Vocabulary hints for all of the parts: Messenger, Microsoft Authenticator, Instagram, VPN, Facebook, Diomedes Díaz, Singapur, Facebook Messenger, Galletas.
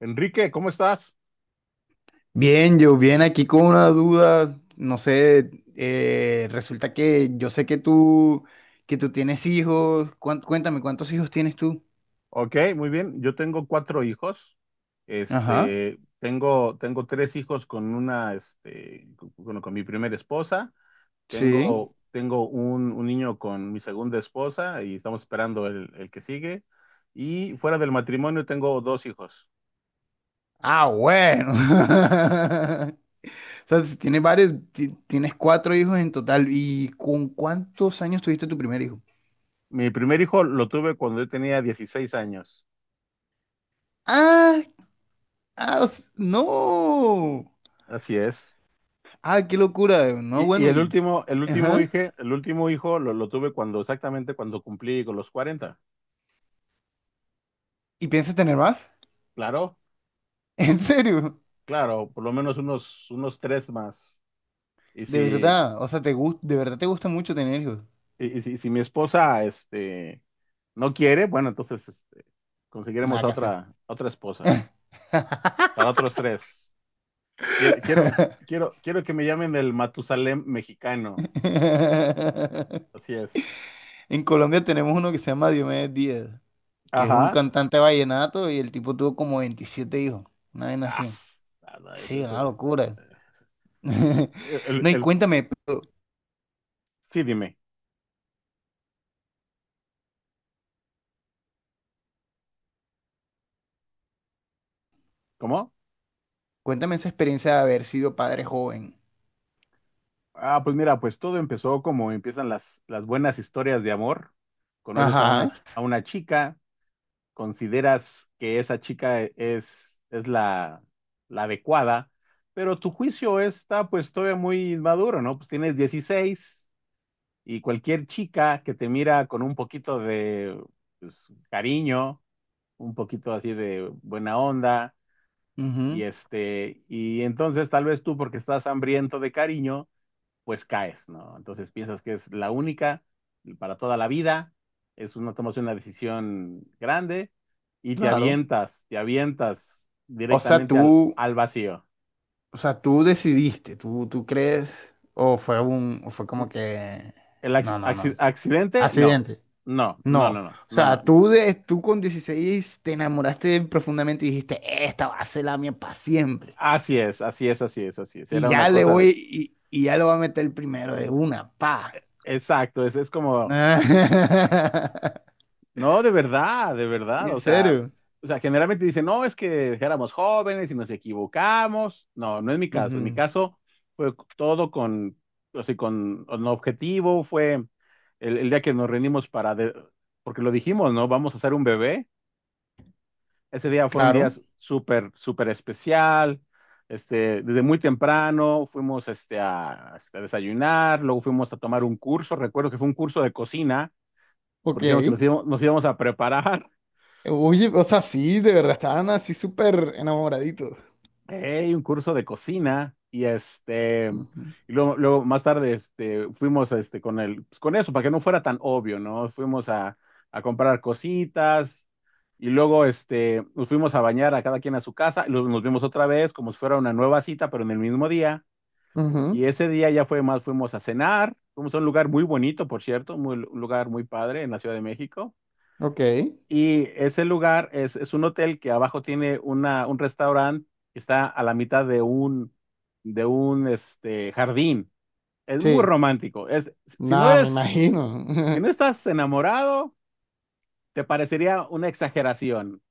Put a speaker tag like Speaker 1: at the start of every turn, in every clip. Speaker 1: Enrique, ¿cómo estás?
Speaker 2: Bien, yo bien aquí con una duda, no sé, resulta que yo sé que tú tienes hijos, cuéntame, ¿cuántos hijos tienes tú?
Speaker 1: Ok, muy bien. Yo tengo cuatro hijos.
Speaker 2: Ajá,
Speaker 1: Tengo tres hijos con una, este, con mi primera esposa.
Speaker 2: sí.
Speaker 1: Tengo un niño con mi segunda esposa y estamos esperando el que sigue. Y fuera del matrimonio tengo dos hijos.
Speaker 2: Ah, bueno. O sea, si tienes varios, tienes cuatro hijos en total, ¿y con cuántos años tuviste tu primer hijo?
Speaker 1: Mi primer hijo lo tuve cuando yo tenía 16 años.
Speaker 2: Ah, no.
Speaker 1: Así es.
Speaker 2: Ah, qué locura. No,
Speaker 1: Y
Speaker 2: bueno,
Speaker 1: el
Speaker 2: y,
Speaker 1: último, el último
Speaker 2: ajá.
Speaker 1: hijo, el último hijo lo tuve exactamente cuando cumplí con los 40.
Speaker 2: ¿Y piensas tener más?
Speaker 1: Claro.
Speaker 2: ¿En serio?
Speaker 1: Claro, por lo menos unos tres más. Y
Speaker 2: De
Speaker 1: si,
Speaker 2: verdad, o sea, te gusta, de verdad te gusta mucho tener hijos.
Speaker 1: y si mi esposa no quiere, bueno, entonces conseguiremos
Speaker 2: Nada
Speaker 1: a
Speaker 2: que hacer.
Speaker 1: otra esposa para otros tres. Quiero, quiero, quiero que me llamen el Matusalem mexicano. Así es.
Speaker 2: En Colombia tenemos uno que se llama Diomedes Díaz, que es un
Speaker 1: Ajá.
Speaker 2: cantante vallenato y el tipo tuvo como 27 hijos. Una vez así.
Speaker 1: As. Ah, no,
Speaker 2: Sí, una locura.
Speaker 1: eh, el,
Speaker 2: No, y
Speaker 1: el-
Speaker 2: cuéntame,
Speaker 1: sí, dime. ¿Cómo?
Speaker 2: cuéntame esa experiencia de haber sido padre joven.
Speaker 1: Ah, pues mira, pues todo empezó como empiezan las buenas historias de amor. Conoces a una,
Speaker 2: Ajá.
Speaker 1: ch- a una chica. Consideras que esa chica es la adecuada, pero tu juicio está pues todavía muy inmaduro, ¿no? Pues tienes 16 y cualquier chica que te mira con un poquito de pues, cariño, un poquito así de buena onda,
Speaker 2: Ujú,
Speaker 1: y entonces tal vez tú porque estás hambriento de cariño, pues caes, ¿no? Entonces piensas que es la única para toda la vida, tomas una decisión grande y te
Speaker 2: claro.
Speaker 1: avientas, te avientas
Speaker 2: O sea,
Speaker 1: directamente al,
Speaker 2: tú,
Speaker 1: al vacío.
Speaker 2: o sea, tú decidiste, tú crees, o fue un, o fue como que,
Speaker 1: ¿El
Speaker 2: no, no, no,
Speaker 1: accidente? No,
Speaker 2: accidente.
Speaker 1: no, no, no,
Speaker 2: No, o
Speaker 1: no, no,
Speaker 2: sea,
Speaker 1: no.
Speaker 2: tú, de, tú con 16 te enamoraste profundamente y dijiste, esta va a ser la mía para siempre.
Speaker 1: Así es, así es, así es, así es.
Speaker 2: Y
Speaker 1: Era una
Speaker 2: ya le voy,
Speaker 1: cosa,
Speaker 2: y ya lo va a meter el primero de una, pa.
Speaker 1: exacto, es como. No, de verdad, de verdad.
Speaker 2: ¿En
Speaker 1: O sea,
Speaker 2: serio?
Speaker 1: o sea, generalmente dicen, no, es que éramos jóvenes y nos equivocamos. No, no es mi caso. En mi
Speaker 2: Ujú.
Speaker 1: caso fue todo con, o sea, con un objetivo. Fue el día que nos reunimos porque lo dijimos, ¿no? Vamos a hacer un bebé. Ese día fue un día
Speaker 2: Claro,
Speaker 1: súper, súper especial. Desde muy temprano fuimos a desayunar, luego fuimos a tomar un curso. Recuerdo que fue un curso de cocina,
Speaker 2: ok.
Speaker 1: porque dijimos que nos íbamos a preparar.
Speaker 2: Oye, o sea, sí, de verdad, estaban así súper enamoraditos.
Speaker 1: Hey, un curso de cocina
Speaker 2: Ujú.
Speaker 1: y luego, más tarde fuimos con eso para que no fuera tan obvio, ¿no? Fuimos a comprar cositas y luego nos fuimos a bañar a cada quien a su casa y luego nos vimos otra vez como si fuera una nueva cita pero en el mismo día y
Speaker 2: Ujú,
Speaker 1: ese día ya fue más fuimos a cenar, fuimos a un lugar muy bonito, por cierto, un lugar muy padre en la Ciudad de México.
Speaker 2: ok,
Speaker 1: Y ese lugar es un hotel que abajo tiene un restaurante que está a la mitad de un jardín. Es muy
Speaker 2: sí.
Speaker 1: romántico. Es, si no
Speaker 2: Nada, me
Speaker 1: eres,
Speaker 2: imagino.
Speaker 1: si no estás enamorado, te parecería una exageración,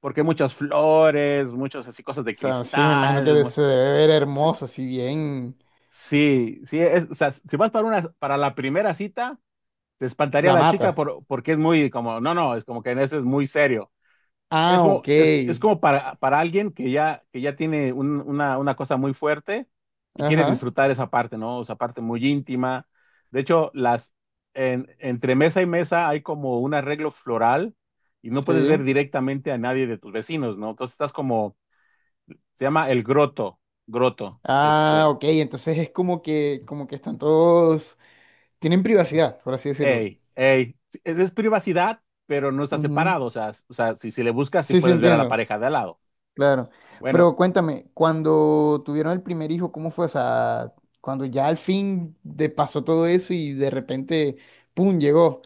Speaker 1: porque hay muchas flores, muchas así cosas de
Speaker 2: O sea, sí, me imagino
Speaker 1: cristal.
Speaker 2: que se debe ver
Speaker 1: Sí,
Speaker 2: hermoso, si bien
Speaker 1: sí, sí, o sea, si vas para la primera cita, te espantaría
Speaker 2: la
Speaker 1: la chica
Speaker 2: matas.
Speaker 1: porque es muy como, no, no, es como que en ese es muy serio.
Speaker 2: Ah,
Speaker 1: es como,
Speaker 2: ok.
Speaker 1: es, es como para alguien que ya tiene una cosa muy fuerte y quiere
Speaker 2: Ajá,
Speaker 1: disfrutar esa parte, ¿no? Esa parte muy íntima. De hecho, entre mesa y mesa hay como un arreglo floral y no puedes ver
Speaker 2: sí.
Speaker 1: directamente a nadie de tus vecinos, ¿no? Entonces estás como, se llama el groto,
Speaker 2: Ah, ok. Entonces es como que están todos, tienen privacidad, por así decirlo.
Speaker 1: ey, ey. Sí, es privacidad, pero no está
Speaker 2: Ujú.
Speaker 1: separado, o sea, si le buscas, sí
Speaker 2: Sí, sí,
Speaker 1: puedes ver a la
Speaker 2: entiendo.
Speaker 1: pareja de al lado.
Speaker 2: Claro.
Speaker 1: Bueno,
Speaker 2: Pero cuéntame, cuando tuvieron el primer hijo, ¿cómo fue? O sea, cuando ya al fin te pasó todo eso y de repente, ¡pum! Llegó.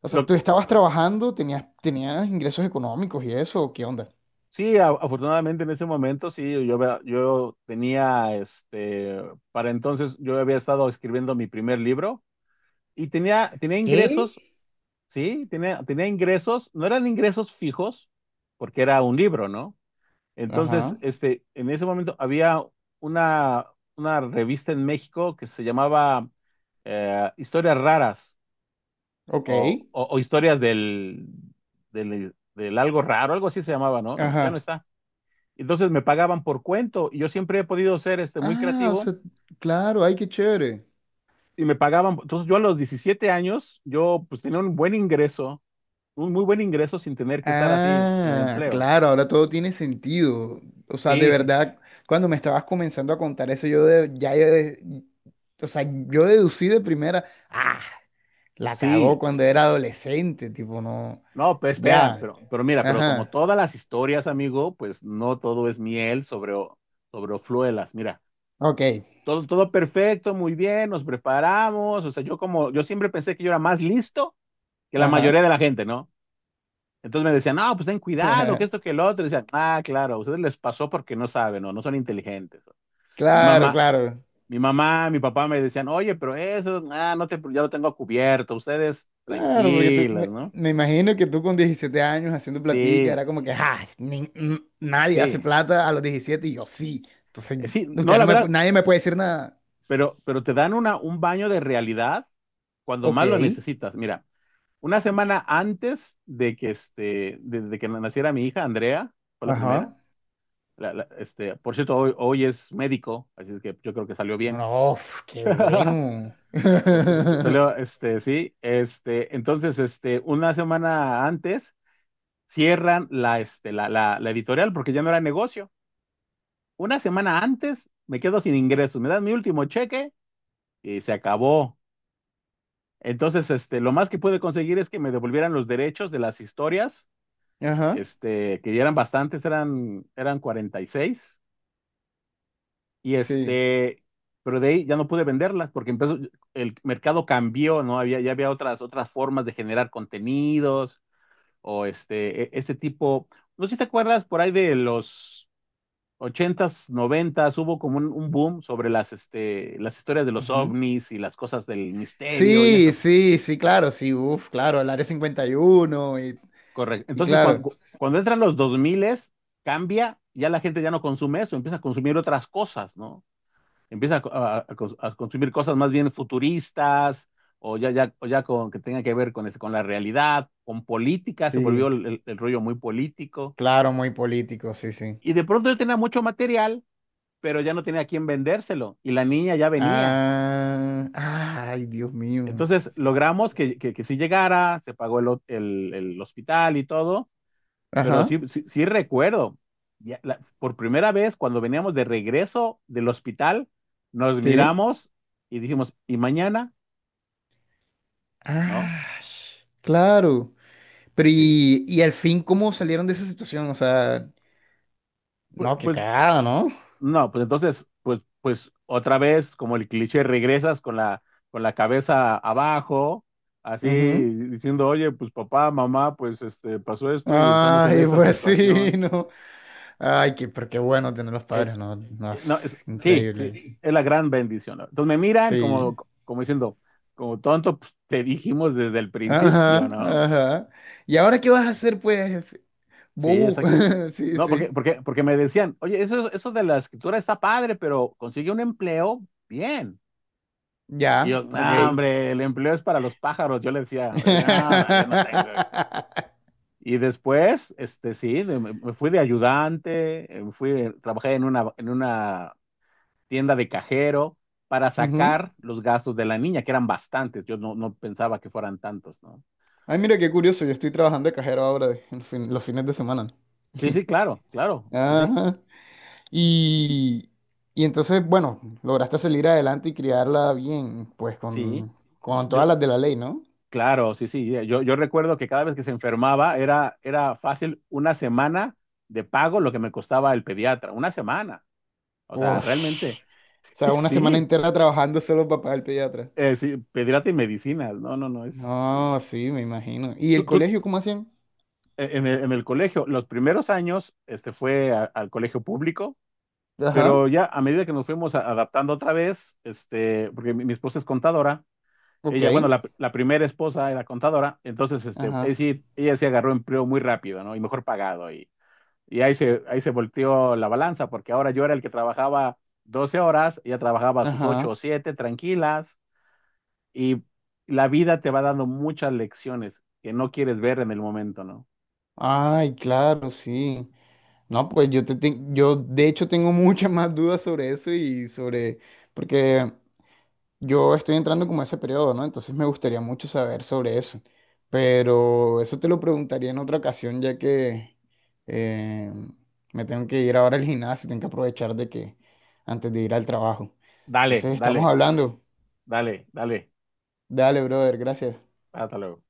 Speaker 2: O sea, tú
Speaker 1: lo,
Speaker 2: estabas trabajando, tenías, tenías ingresos económicos y eso, ¿o qué onda?
Speaker 1: Sí, afortunadamente en ese momento sí, yo tenía, para entonces yo había estado escribiendo mi primer libro y tenía
Speaker 2: ¿Qué?
Speaker 1: ingresos, sí, tenía ingresos, no eran ingresos fijos porque era un libro, ¿no? Entonces,
Speaker 2: Ajá,
Speaker 1: en ese momento había una, una revista en México que se llamaba Historias Raras
Speaker 2: ok.
Speaker 1: o Historias del algo raro, algo así se llamaba, ¿no? Ya no
Speaker 2: Ajá.
Speaker 1: está. Entonces me pagaban por cuento y yo siempre he podido ser muy
Speaker 2: Ah, o
Speaker 1: creativo
Speaker 2: sea, claro, ay, qué chévere.
Speaker 1: y me pagaban. Entonces yo a los 17 años, yo pues tenía un buen ingreso, un muy buen ingreso sin tener que estar así en
Speaker 2: Ah,
Speaker 1: empleo.
Speaker 2: claro, ahora todo tiene sentido. O sea, de
Speaker 1: Sí, sí,
Speaker 2: verdad, cuando me estabas comenzando a contar eso, o sea, yo deducí de primera, ah, la cagó
Speaker 1: sí.
Speaker 2: cuando era adolescente, tipo, no,
Speaker 1: No, pero espera,
Speaker 2: ya,
Speaker 1: pero mira, pero como
Speaker 2: ajá,
Speaker 1: todas las historias, amigo, pues no todo es miel sobre hojuelas. Mira,
Speaker 2: ok,
Speaker 1: todo perfecto, muy bien, nos preparamos. O sea, yo siempre pensé que yo era más listo que la
Speaker 2: ajá,
Speaker 1: mayoría de la gente, ¿no? Entonces me decían, no, pues ten cuidado, que esto, que el otro. Y decían, ah, claro, a ustedes les pasó porque no saben o no son inteligentes. Mi
Speaker 2: claro,
Speaker 1: mamá,
Speaker 2: claro,
Speaker 1: mi papá me decían, oye, pero eso, ah, no te, ya lo tengo cubierto, ustedes
Speaker 2: claro, porque tú,
Speaker 1: tranquilas, ¿no?
Speaker 2: me imagino que tú con 17 años haciendo platica,
Speaker 1: Sí,
Speaker 2: era como que, ah, nadie hace
Speaker 1: sí.
Speaker 2: plata a los 17 y yo sí, entonces,
Speaker 1: Sí, no,
Speaker 2: usted
Speaker 1: la
Speaker 2: no me, pu-
Speaker 1: verdad,
Speaker 2: nadie me puede decir nada,
Speaker 1: pero te dan un baño de realidad cuando
Speaker 2: ok.
Speaker 1: más lo necesitas. Mira, una semana antes de que, de que naciera mi hija, Andrea, fue la primera.
Speaker 2: Ajá.
Speaker 1: Por cierto, hoy es médico, así es que yo creo que salió bien.
Speaker 2: Uno, ¡uf! ¡Qué bueno!
Speaker 1: Salió, sí, entonces, una semana antes cierran la, este, la editorial porque ya no era negocio. Una semana antes me quedo sin ingresos, me dan mi último cheque y se acabó. Entonces, lo más que pude conseguir es que me devolvieran los derechos de las historias,
Speaker 2: Ajá.
Speaker 1: que ya eran bastantes, eran 46. Y
Speaker 2: Sí.
Speaker 1: este, pero de ahí ya no pude venderlas porque empezó, el mercado cambió, ¿no? Ya había otras formas de generar contenidos o este tipo. No sé si te acuerdas por ahí de los ochentas, noventas, hubo como un boom sobre las historias de los
Speaker 2: Ujú.
Speaker 1: ovnis y las cosas del misterio y
Speaker 2: Sí,
Speaker 1: eso.
Speaker 2: sí, sí, claro, sí, uf, claro, el Área 51 y, uno y
Speaker 1: Correcto.
Speaker 2: y
Speaker 1: Entonces,
Speaker 2: claro,
Speaker 1: cuando entran los dos miles, cambia, ya la gente ya no consume eso, empieza a consumir otras cosas, ¿no? Empieza a consumir cosas más bien futuristas o ya con, que tengan que ver con, con la realidad, con política, se volvió
Speaker 2: sí,
Speaker 1: el rollo muy político.
Speaker 2: claro, muy político, sí, sí.
Speaker 1: Y de pronto yo tenía mucho material, pero ya no tenía a quién vendérselo y la niña ya venía.
Speaker 2: Ah, ay, Dios mío.
Speaker 1: Entonces logramos que sí llegara, se pagó el hospital y todo, pero
Speaker 2: Ajá,
Speaker 1: sí, sí, sí recuerdo, por primera vez cuando veníamos de regreso del hospital, nos
Speaker 2: sí.
Speaker 1: miramos y dijimos, ¿y mañana? ¿No?
Speaker 2: Ah, claro. Pero
Speaker 1: Sí.
Speaker 2: y al fin, ¿cómo salieron de esa situación? O sea,
Speaker 1: Pues,
Speaker 2: no, qué
Speaker 1: pues,
Speaker 2: cagada, ¿no?
Speaker 1: no, pues entonces, pues otra vez, como el cliché, regresas con la cabeza abajo, así
Speaker 2: Ujú.
Speaker 1: diciendo, oye, pues papá, mamá, pasó esto y estamos en
Speaker 2: Ay,
Speaker 1: esta
Speaker 2: pues sí,
Speaker 1: situación.
Speaker 2: no. Ay, qué, pero qué bueno tener los
Speaker 1: Eh,
Speaker 2: padres, ¿no? No,
Speaker 1: no,
Speaker 2: es
Speaker 1: sí, sí,
Speaker 2: increíble.
Speaker 1: es la gran bendición, ¿no? Entonces me miran como,
Speaker 2: Sí.
Speaker 1: diciendo, como tonto, pues, te dijimos desde el principio,
Speaker 2: Ajá,
Speaker 1: ¿no?
Speaker 2: ajá. ¿Y ahora qué vas a hacer, pues?
Speaker 1: Sí,
Speaker 2: Bobu.
Speaker 1: exacta.
Speaker 2: Sí,
Speaker 1: No,
Speaker 2: sí.
Speaker 1: porque me decían, oye, eso de la escritura está padre, pero consigue un empleo, bien. Y
Speaker 2: Ya,
Speaker 1: yo,
Speaker 2: ok.
Speaker 1: no, hombre, el empleo es para los pájaros. Yo le decía, no, no, yo no tengo. Y después, sí, me fui de ayudante, trabajé en una tienda de cajero para
Speaker 2: Ujú.
Speaker 1: sacar los gastos de la niña, que eran bastantes. Yo no pensaba que fueran tantos, ¿no?
Speaker 2: Ay, mira qué curioso, yo estoy trabajando de cajero ahora los fines de semana.
Speaker 1: Sí, sí, claro, claro, sí, sí,
Speaker 2: Ajá. Y, y entonces, bueno, lograste salir adelante y criarla bien, pues
Speaker 1: sí.
Speaker 2: con
Speaker 1: Yo,
Speaker 2: todas las de la ley, ¿no?
Speaker 1: claro, sí, sí. Yo recuerdo que cada vez que se enfermaba era fácil una semana de pago lo que me costaba el pediatra, una semana. O sea, realmente.
Speaker 2: Ush. O sea, una semana
Speaker 1: Sí,
Speaker 2: entera trabajando solo para pagar el pediatra.
Speaker 1: sí, pediatra y medicinas, no, no, no,
Speaker 2: No,
Speaker 1: sí.
Speaker 2: sí, me imagino. ¿Y el
Speaker 1: Tú, tú,
Speaker 2: colegio cómo hacían?
Speaker 1: en el colegio, los primeros años, fue al colegio público,
Speaker 2: Ajá,
Speaker 1: pero ya a medida que nos fuimos adaptando otra vez, porque mi esposa es contadora,
Speaker 2: ok.
Speaker 1: ella, bueno, la primera esposa era contadora, entonces, es
Speaker 2: Ajá,
Speaker 1: decir, ella se agarró empleo muy rápido, ¿no? Y mejor pagado, y, y ahí se volteó la balanza, porque ahora yo era el que trabajaba 12 horas, ella trabajaba sus 8 o
Speaker 2: ajá.
Speaker 1: 7 tranquilas, y la vida te va dando muchas lecciones que no quieres ver en el momento, ¿no?
Speaker 2: Ay, claro, sí. No, pues yo de hecho tengo muchas más dudas sobre eso y sobre, porque yo estoy entrando como a ese periodo, ¿no? Entonces me gustaría mucho saber sobre eso. Pero eso te lo preguntaría en otra ocasión, ya que eh, me tengo que ir ahora al gimnasio, tengo que aprovechar de que antes de ir al trabajo.
Speaker 1: Dale,
Speaker 2: Entonces estamos
Speaker 1: dale,
Speaker 2: hablando.
Speaker 1: dale, dale.
Speaker 2: Dale, brother, gracias.
Speaker 1: Hasta luego.